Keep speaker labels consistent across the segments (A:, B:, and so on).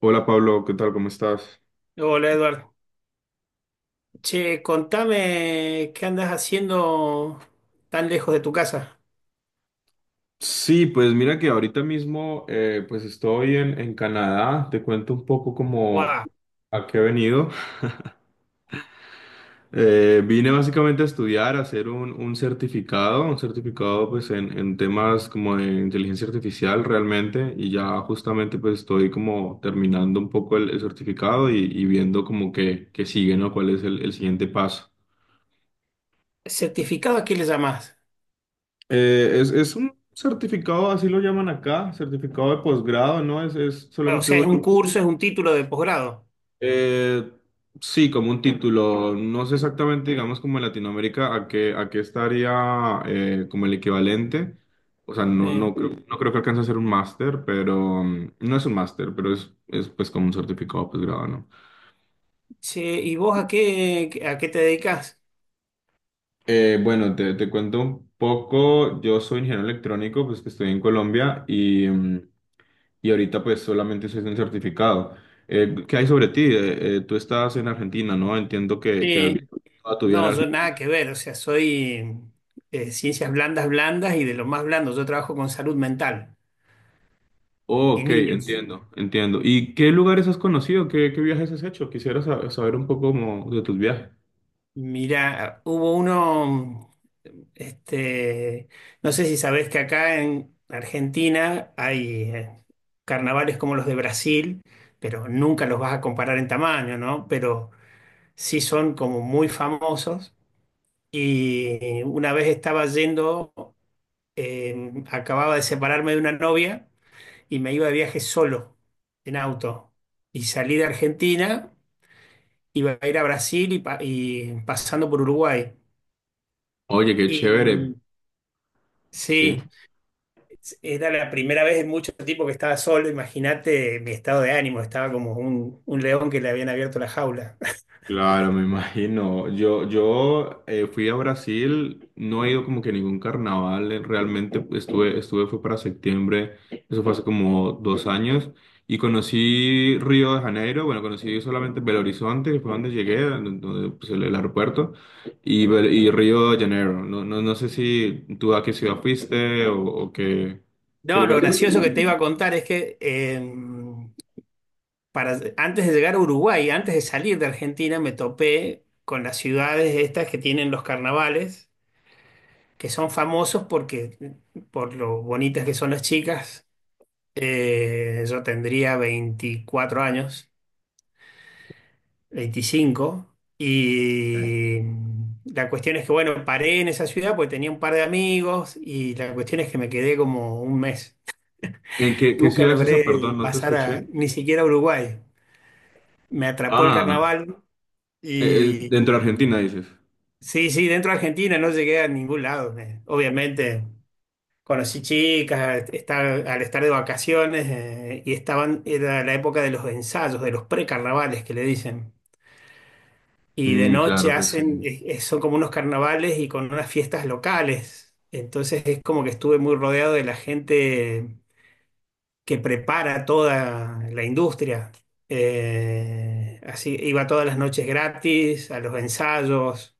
A: Hola Pablo, ¿qué tal? ¿Cómo estás?
B: Hola Eduardo. Che, contame qué andas haciendo tan lejos de tu casa.
A: Sí, pues mira que ahorita mismo pues estoy en Canadá. Te cuento un poco como
B: Guau.
A: a qué he venido. Vine básicamente a estudiar, a hacer un certificado, un certificado pues en temas como de inteligencia artificial realmente y ya justamente pues estoy como terminando un poco el certificado y viendo como que sigue, ¿no? ¿Cuál es el siguiente paso?
B: ¿Certificado a qué le llamás?
A: Es un certificado, así lo llaman acá, certificado de posgrado, ¿no? Es
B: Ah, o
A: solamente
B: sea, es
A: dura.
B: un curso, es un título de posgrado.
A: eh, sí, como un título. No sé exactamente, digamos, como en Latinoamérica, a qué estaría como el equivalente. O sea,
B: Eh,
A: creo, no creo que alcance a ser un máster, pero no es un máster, pero es pues como un certificado de posgrado, ¿no?
B: che, ¿y vos a qué, te dedicas?
A: Bueno, te cuento un poco. Yo soy ingeniero electrónico, pues que estoy en Colombia y... y ahorita pues solamente es un certificado. ¿Qué hay sobre ti? Tú estás en Argentina, ¿no? Entiendo que has vivido
B: Sí.
A: toda tu vida en
B: No, yo nada
A: Argentina.
B: que ver. O sea, soy ciencias blandas, blandas y de lo más blando. Yo trabajo con salud mental
A: Oh,
B: y
A: ok,
B: niños.
A: entiendo, entiendo. ¿Y qué lugares has conocido? ¿Qué viajes has hecho? Quisiera saber un poco como de tus viajes.
B: Mira, hubo uno, este, no sé si sabés que acá en Argentina hay carnavales como los de Brasil, pero nunca los vas a comparar en tamaño, ¿no? Pero sí son como muy famosos. Y una vez estaba yendo, acababa de separarme de una novia y me iba de viaje solo, en auto. Y salí de Argentina, iba a ir a Brasil y pasando por Uruguay.
A: Oye, qué chévere,
B: Y sí,
A: sí.
B: era la primera vez en mucho tiempo que estaba solo. Imagínate mi estado de ánimo, estaba como un león que le habían abierto la jaula.
A: Claro, me imagino. Yo fui a Brasil, no he ido como que a ningún carnaval, realmente estuve, fue para septiembre, eso fue hace como dos años, y conocí Río de Janeiro, bueno, conocí solamente Belo Horizonte, que fue donde llegué, donde, pues, el aeropuerto, y, y Río de Janeiro. No sé si tú a qué ciudad fuiste o qué
B: No, lo
A: lugar.
B: gracioso que te iba a contar es que antes de llegar a Uruguay, antes de salir de Argentina, me topé con las ciudades estas que tienen los carnavales, que son famosos porque por lo bonitas que son las chicas. Yo tendría 24 años, 25. Y la cuestión es que, bueno, paré en esa ciudad porque tenía un par de amigos y la cuestión es que me quedé como un mes.
A: ¿En qué
B: Nunca
A: ciudad es esa?
B: logré
A: Perdón, no te
B: pasar a,
A: escuché.
B: ni siquiera a Uruguay. Me atrapó el
A: Ah,
B: carnaval y
A: dentro de Argentina, dices.
B: sí, sí, dentro de Argentina no llegué a ningún lado. Obviamente conocí chicas, al estar de vacaciones, y estaban, era la época de los ensayos, de los precarnavales que le dicen. Y de
A: Mm,
B: noche
A: claro que
B: hacen,
A: sí.
B: son como unos carnavales y con unas fiestas locales. Entonces es como que estuve muy rodeado de la gente que prepara toda la industria. Así iba todas las noches gratis, a los ensayos.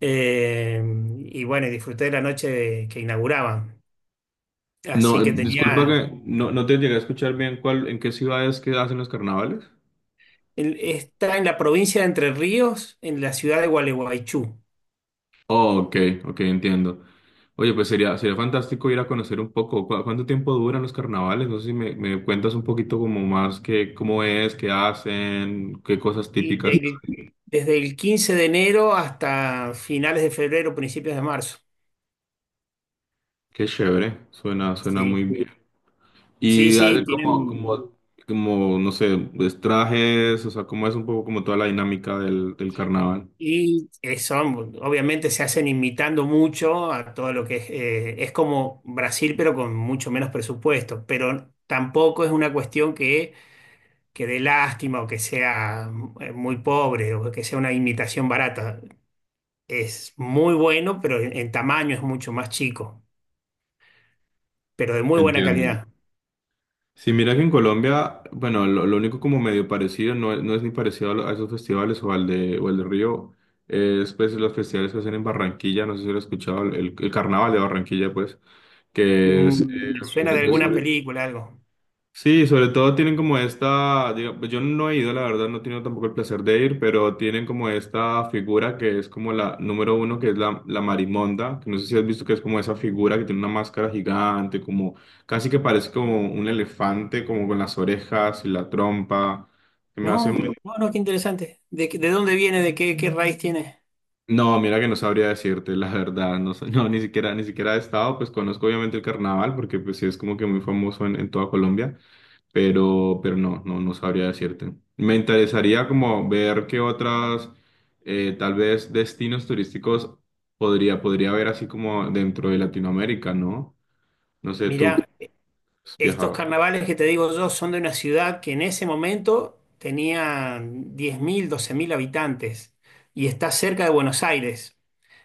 B: eh, y bueno, y disfruté de la noche que inauguraban.
A: No,
B: Así que
A: disculpa
B: tenía.
A: que no te llegué a escuchar bien cuál, en qué ciudades que hacen los carnavales.
B: El está en la provincia de Entre Ríos, en la ciudad de Gualeguaychú.
A: Oh, ok, ok, entiendo. Oye, pues sería fantástico ir a conocer un poco. ¿Cuánto tiempo duran los carnavales? No sé si me cuentas un poquito como más que cómo es, qué hacen, qué cosas
B: Y
A: típicas.
B: desde el 15 de enero hasta finales de febrero, principios de marzo.
A: Qué chévere, suena
B: Sí,
A: muy bien.
B: sí,
A: Y
B: sí,
A: hacen como,
B: tienen.
A: como, como, no sé, pues, trajes, o sea, cómo es un poco como toda la dinámica del carnaval.
B: Y son, obviamente se hacen imitando mucho a todo lo que es como Brasil, pero con mucho menos presupuesto. Pero tampoco es una cuestión que dé lástima o que sea muy pobre o que sea una imitación barata. Es muy bueno, pero en tamaño es mucho más chico, pero de muy buena
A: Entiendo.
B: calidad.
A: Sí, mira que en Colombia, bueno, lo único como medio parecido, no, es no es ni parecido a, a esos festivales o al de, o el de Río, es pues los festivales que hacen en Barranquilla, no sé si lo has escuchado, el carnaval de Barranquilla, pues, que es
B: Me suena de alguna
A: sobre,
B: película, algo.
A: Sí, sobre todo tienen como esta, pues yo no he ido, la verdad, no he tenido tampoco el placer de ir, pero tienen como esta figura que es como la número uno, que es la Marimonda, que no sé si has visto que es como esa figura que tiene una máscara gigante, como casi que parece como un elefante, como con las orejas y la trompa, que me hace
B: No,
A: muy...
B: no, no, qué interesante. ¿De dónde viene? ¿De qué raíz tiene?
A: No, mira que no sabría decirte, la verdad, no, sé- no, ni siquiera he estado, pues conozco obviamente el carnaval, porque pues sí es como que muy famoso en toda Colombia. Pero no sabría decirte. Me interesaría como ver qué otras, tal vez, destinos turísticos podría haber así como dentro de Latinoamérica, ¿no? No sé, tú que
B: Mirá,
A: has
B: estos
A: viajado.
B: carnavales que te digo yo son de una ciudad que en ese momento tenía 10.000, 12.000 habitantes y está cerca de Buenos Aires.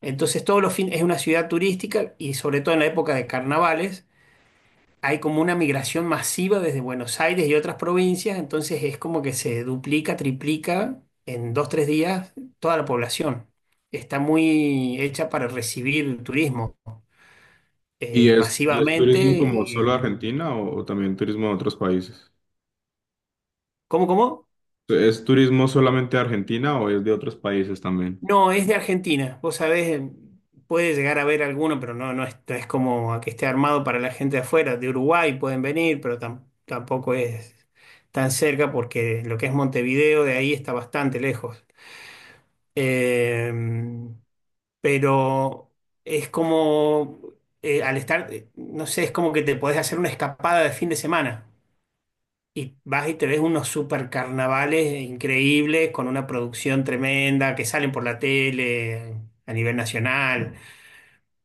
B: Entonces, todos los fines es una ciudad turística y sobre todo en la época de carnavales. Hay como una migración masiva desde Buenos Aires y otras provincias, entonces es como que se duplica, triplica en dos, tres días toda la población. Está muy hecha para recibir turismo,
A: ¿Y es
B: masivamente.
A: turismo como solo
B: Y,
A: de Argentina o también turismo de otros países?
B: ¿cómo?
A: ¿Es turismo solamente de Argentina o es de otros países también?
B: No, es de Argentina. Vos sabés, puede llegar a haber alguno, pero no, no es como a que esté armado para la gente de afuera. De Uruguay pueden venir, pero tampoco es tan cerca porque lo que es Montevideo de ahí está bastante lejos. Eh, pero es como, al estar, no sé, es como que te podés hacer una escapada de fin de semana y vas y te ves unos super carnavales increíbles con una producción tremenda que salen por la tele a nivel nacional.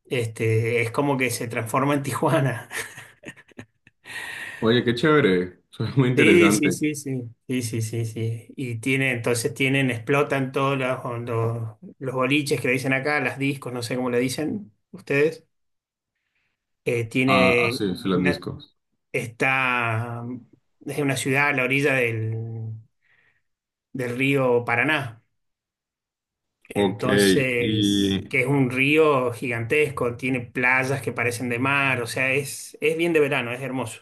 B: Es como que se transforma en Tijuana.
A: Oye, qué chévere, suena muy
B: Sí, sí,
A: interesante.
B: sí, sí, sí, sí, sí, sí. Y tiene, entonces tienen, explotan todos los boliches que le dicen acá, las discos, no sé cómo le dicen ustedes. Eh,
A: Ah, ah,
B: tiene,
A: sí, sí,
B: es
A: los
B: una,
A: discos.
B: está, es una ciudad a la orilla del río Paraná.
A: Ok,
B: Entonces,
A: y,
B: que es un río gigantesco, tiene playas que parecen de mar, o sea, es bien de verano, es hermoso.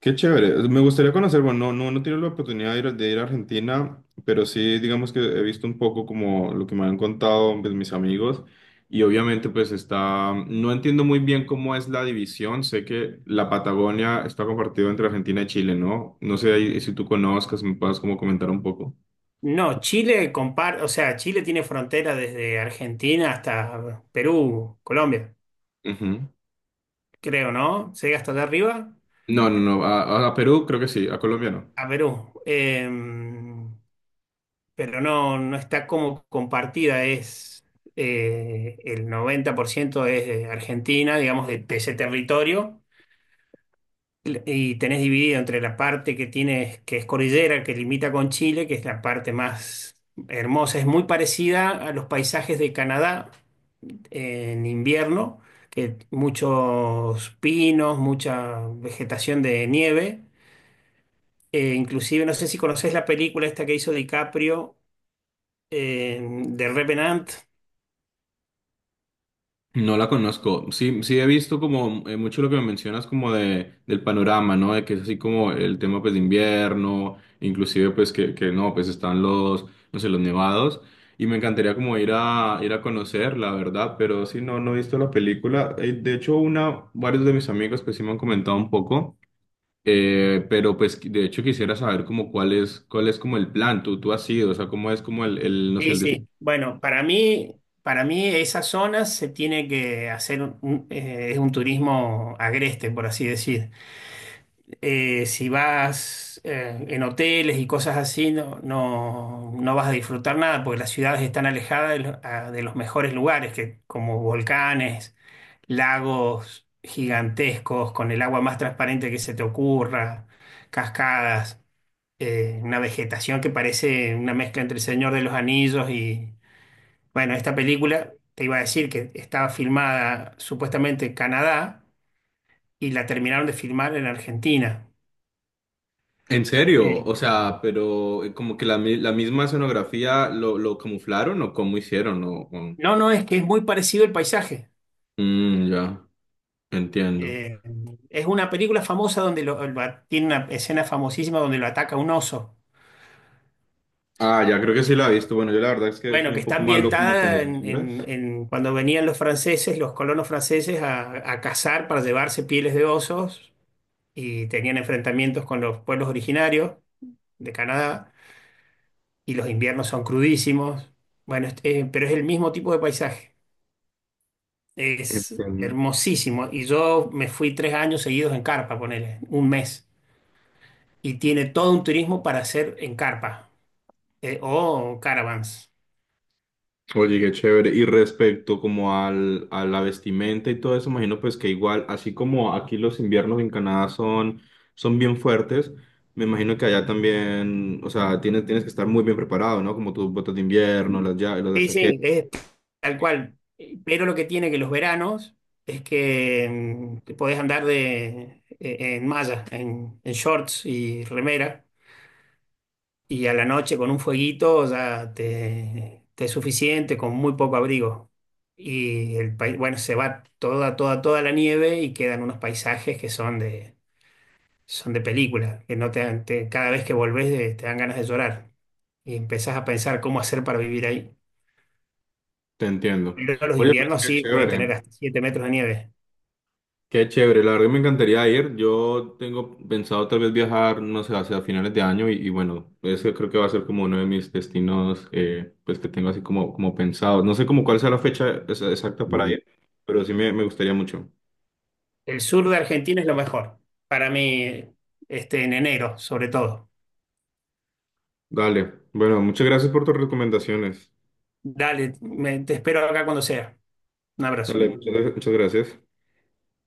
A: qué chévere. Me gustaría conocer, bueno, no he tenido la oportunidad de ir a Argentina, pero sí, digamos que he visto un poco como lo que me han contado pues, mis amigos y obviamente pues está, no entiendo muy bien cómo es la división. Sé que la Patagonia está compartida entre Argentina y Chile, ¿no? No sé ahí si tú conozcas, me puedas como comentar un poco.
B: No, o sea, Chile tiene frontera desde Argentina hasta Perú, Colombia,
A: Ujú.
B: creo, ¿no? Llega hasta allá arriba
A: No, no, no, a, a Perú creo que sí, a Colombia no.
B: a Perú. Em, pero no, no está como compartida, es el 90% es de Argentina, digamos, de ese territorio, y tenés dividido entre la parte que tiene, que es cordillera, que limita con Chile, que es la parte más hermosa, es muy parecida a los paisajes de Canadá en invierno, que muchos pinos, mucha vegetación de nieve. Inclusive, no sé si conocés la película esta que hizo DiCaprio, eh, de Revenant.
A: No la conozco. Sí, sí he visto como mucho lo que me mencionas como de del panorama, ¿no? De que es así como el tema pues de invierno, inclusive pues que no, pues están los, no sé, los nevados. Y me encantaría como ir a ir a conocer, la verdad, pero sí no, no he visto la película. De hecho, una, varios de mis amigos pues sí me han comentado un poco. Pero pues de hecho quisiera saber como cuál es como el plan, tú has ido, o sea, cómo es como el no sé,
B: Sí,
A: el
B: sí. Bueno, para mí esa zona se tiene que hacer un, es un turismo agreste, por así decir. Si vas en hoteles y cosas así, no, no, no vas a disfrutar nada, porque las ciudades están alejadas de, de los mejores lugares, que, como volcanes, lagos gigantescos, con el agua más transparente que se te ocurra, cascadas, una vegetación que parece una mezcla entre el Señor de los Anillos. Bueno, esta película, te iba a decir que estaba filmada supuestamente en Canadá y la terminaron de filmar en Argentina.
A: En serio,
B: Eh,
A: o sea, pero como que la misma escenografía lo camuflaron o cómo hicieron, o-
B: no, no, es que es muy parecido el paisaje.
A: Mm, ya, entiendo.
B: Eh, es una película famosa donde tiene una escena famosísima donde lo ataca un oso.
A: Ah, ya creo que sí la he visto. Bueno, yo la verdad es que soy
B: Bueno, que
A: un
B: está
A: poco malo como con
B: ambientada
A: los
B: en, en-
A: nombres.
B: en cuando venían los franceses, los colonos franceses, a cazar para llevarse pieles de osos y tenían enfrentamientos con los pueblos originarios de Canadá. Y los inviernos son crudísimos. Bueno, pero es el mismo tipo de paisaje. Es
A: Este,
B: hermosísimo. Y yo me fui 3 años seguidos en carpa, ponele, un mes. Y tiene todo un turismo para hacer en carpa, o caravans.
A: oye, qué chévere. Y respecto como al, a la vestimenta y todo eso, imagino pues que igual, así como aquí los inviernos en Canadá son, son bien fuertes, me imagino que allá también, o sea, tienes que estar muy bien preparado, ¿no? Como tus botas de invierno, las, ya, las
B: Sí, sí,
A: chaquetas.
B: es tal cual. Pero lo que tiene que los veranos es que te podés andar de, en malla, en shorts y remera. Y a la noche con un fueguito ya te es suficiente, con muy poco abrigo. Y el país, bueno, se va toda, toda, toda la nieve y quedan unos paisajes que son de, película, que no te, dan- te- cada vez que volvés, te dan ganas de llorar y empezás a pensar cómo hacer para vivir ahí.
A: Te entiendo.
B: Pero los
A: Oye, pues
B: inviernos
A: qué
B: sí pueden tener
A: chévere,
B: hasta 7 metros de nieve.
A: qué chévere. La verdad que me encantaría ir. Yo tengo pensado tal vez viajar, no sé, hacia finales de año y bueno, ese creo que va a ser como uno de mis destinos, pues que tengo así como, como pensado. No sé como cuál sea la fecha exacta para ir, pero sí me gustaría mucho.
B: El sur de Argentina es lo mejor, para mí, en enero, sobre todo.
A: Dale. Bueno, muchas gracias por tus recomendaciones.
B: Dale, te espero acá cuando sea. Un abrazo.
A: Dale, muchas muchas gracias.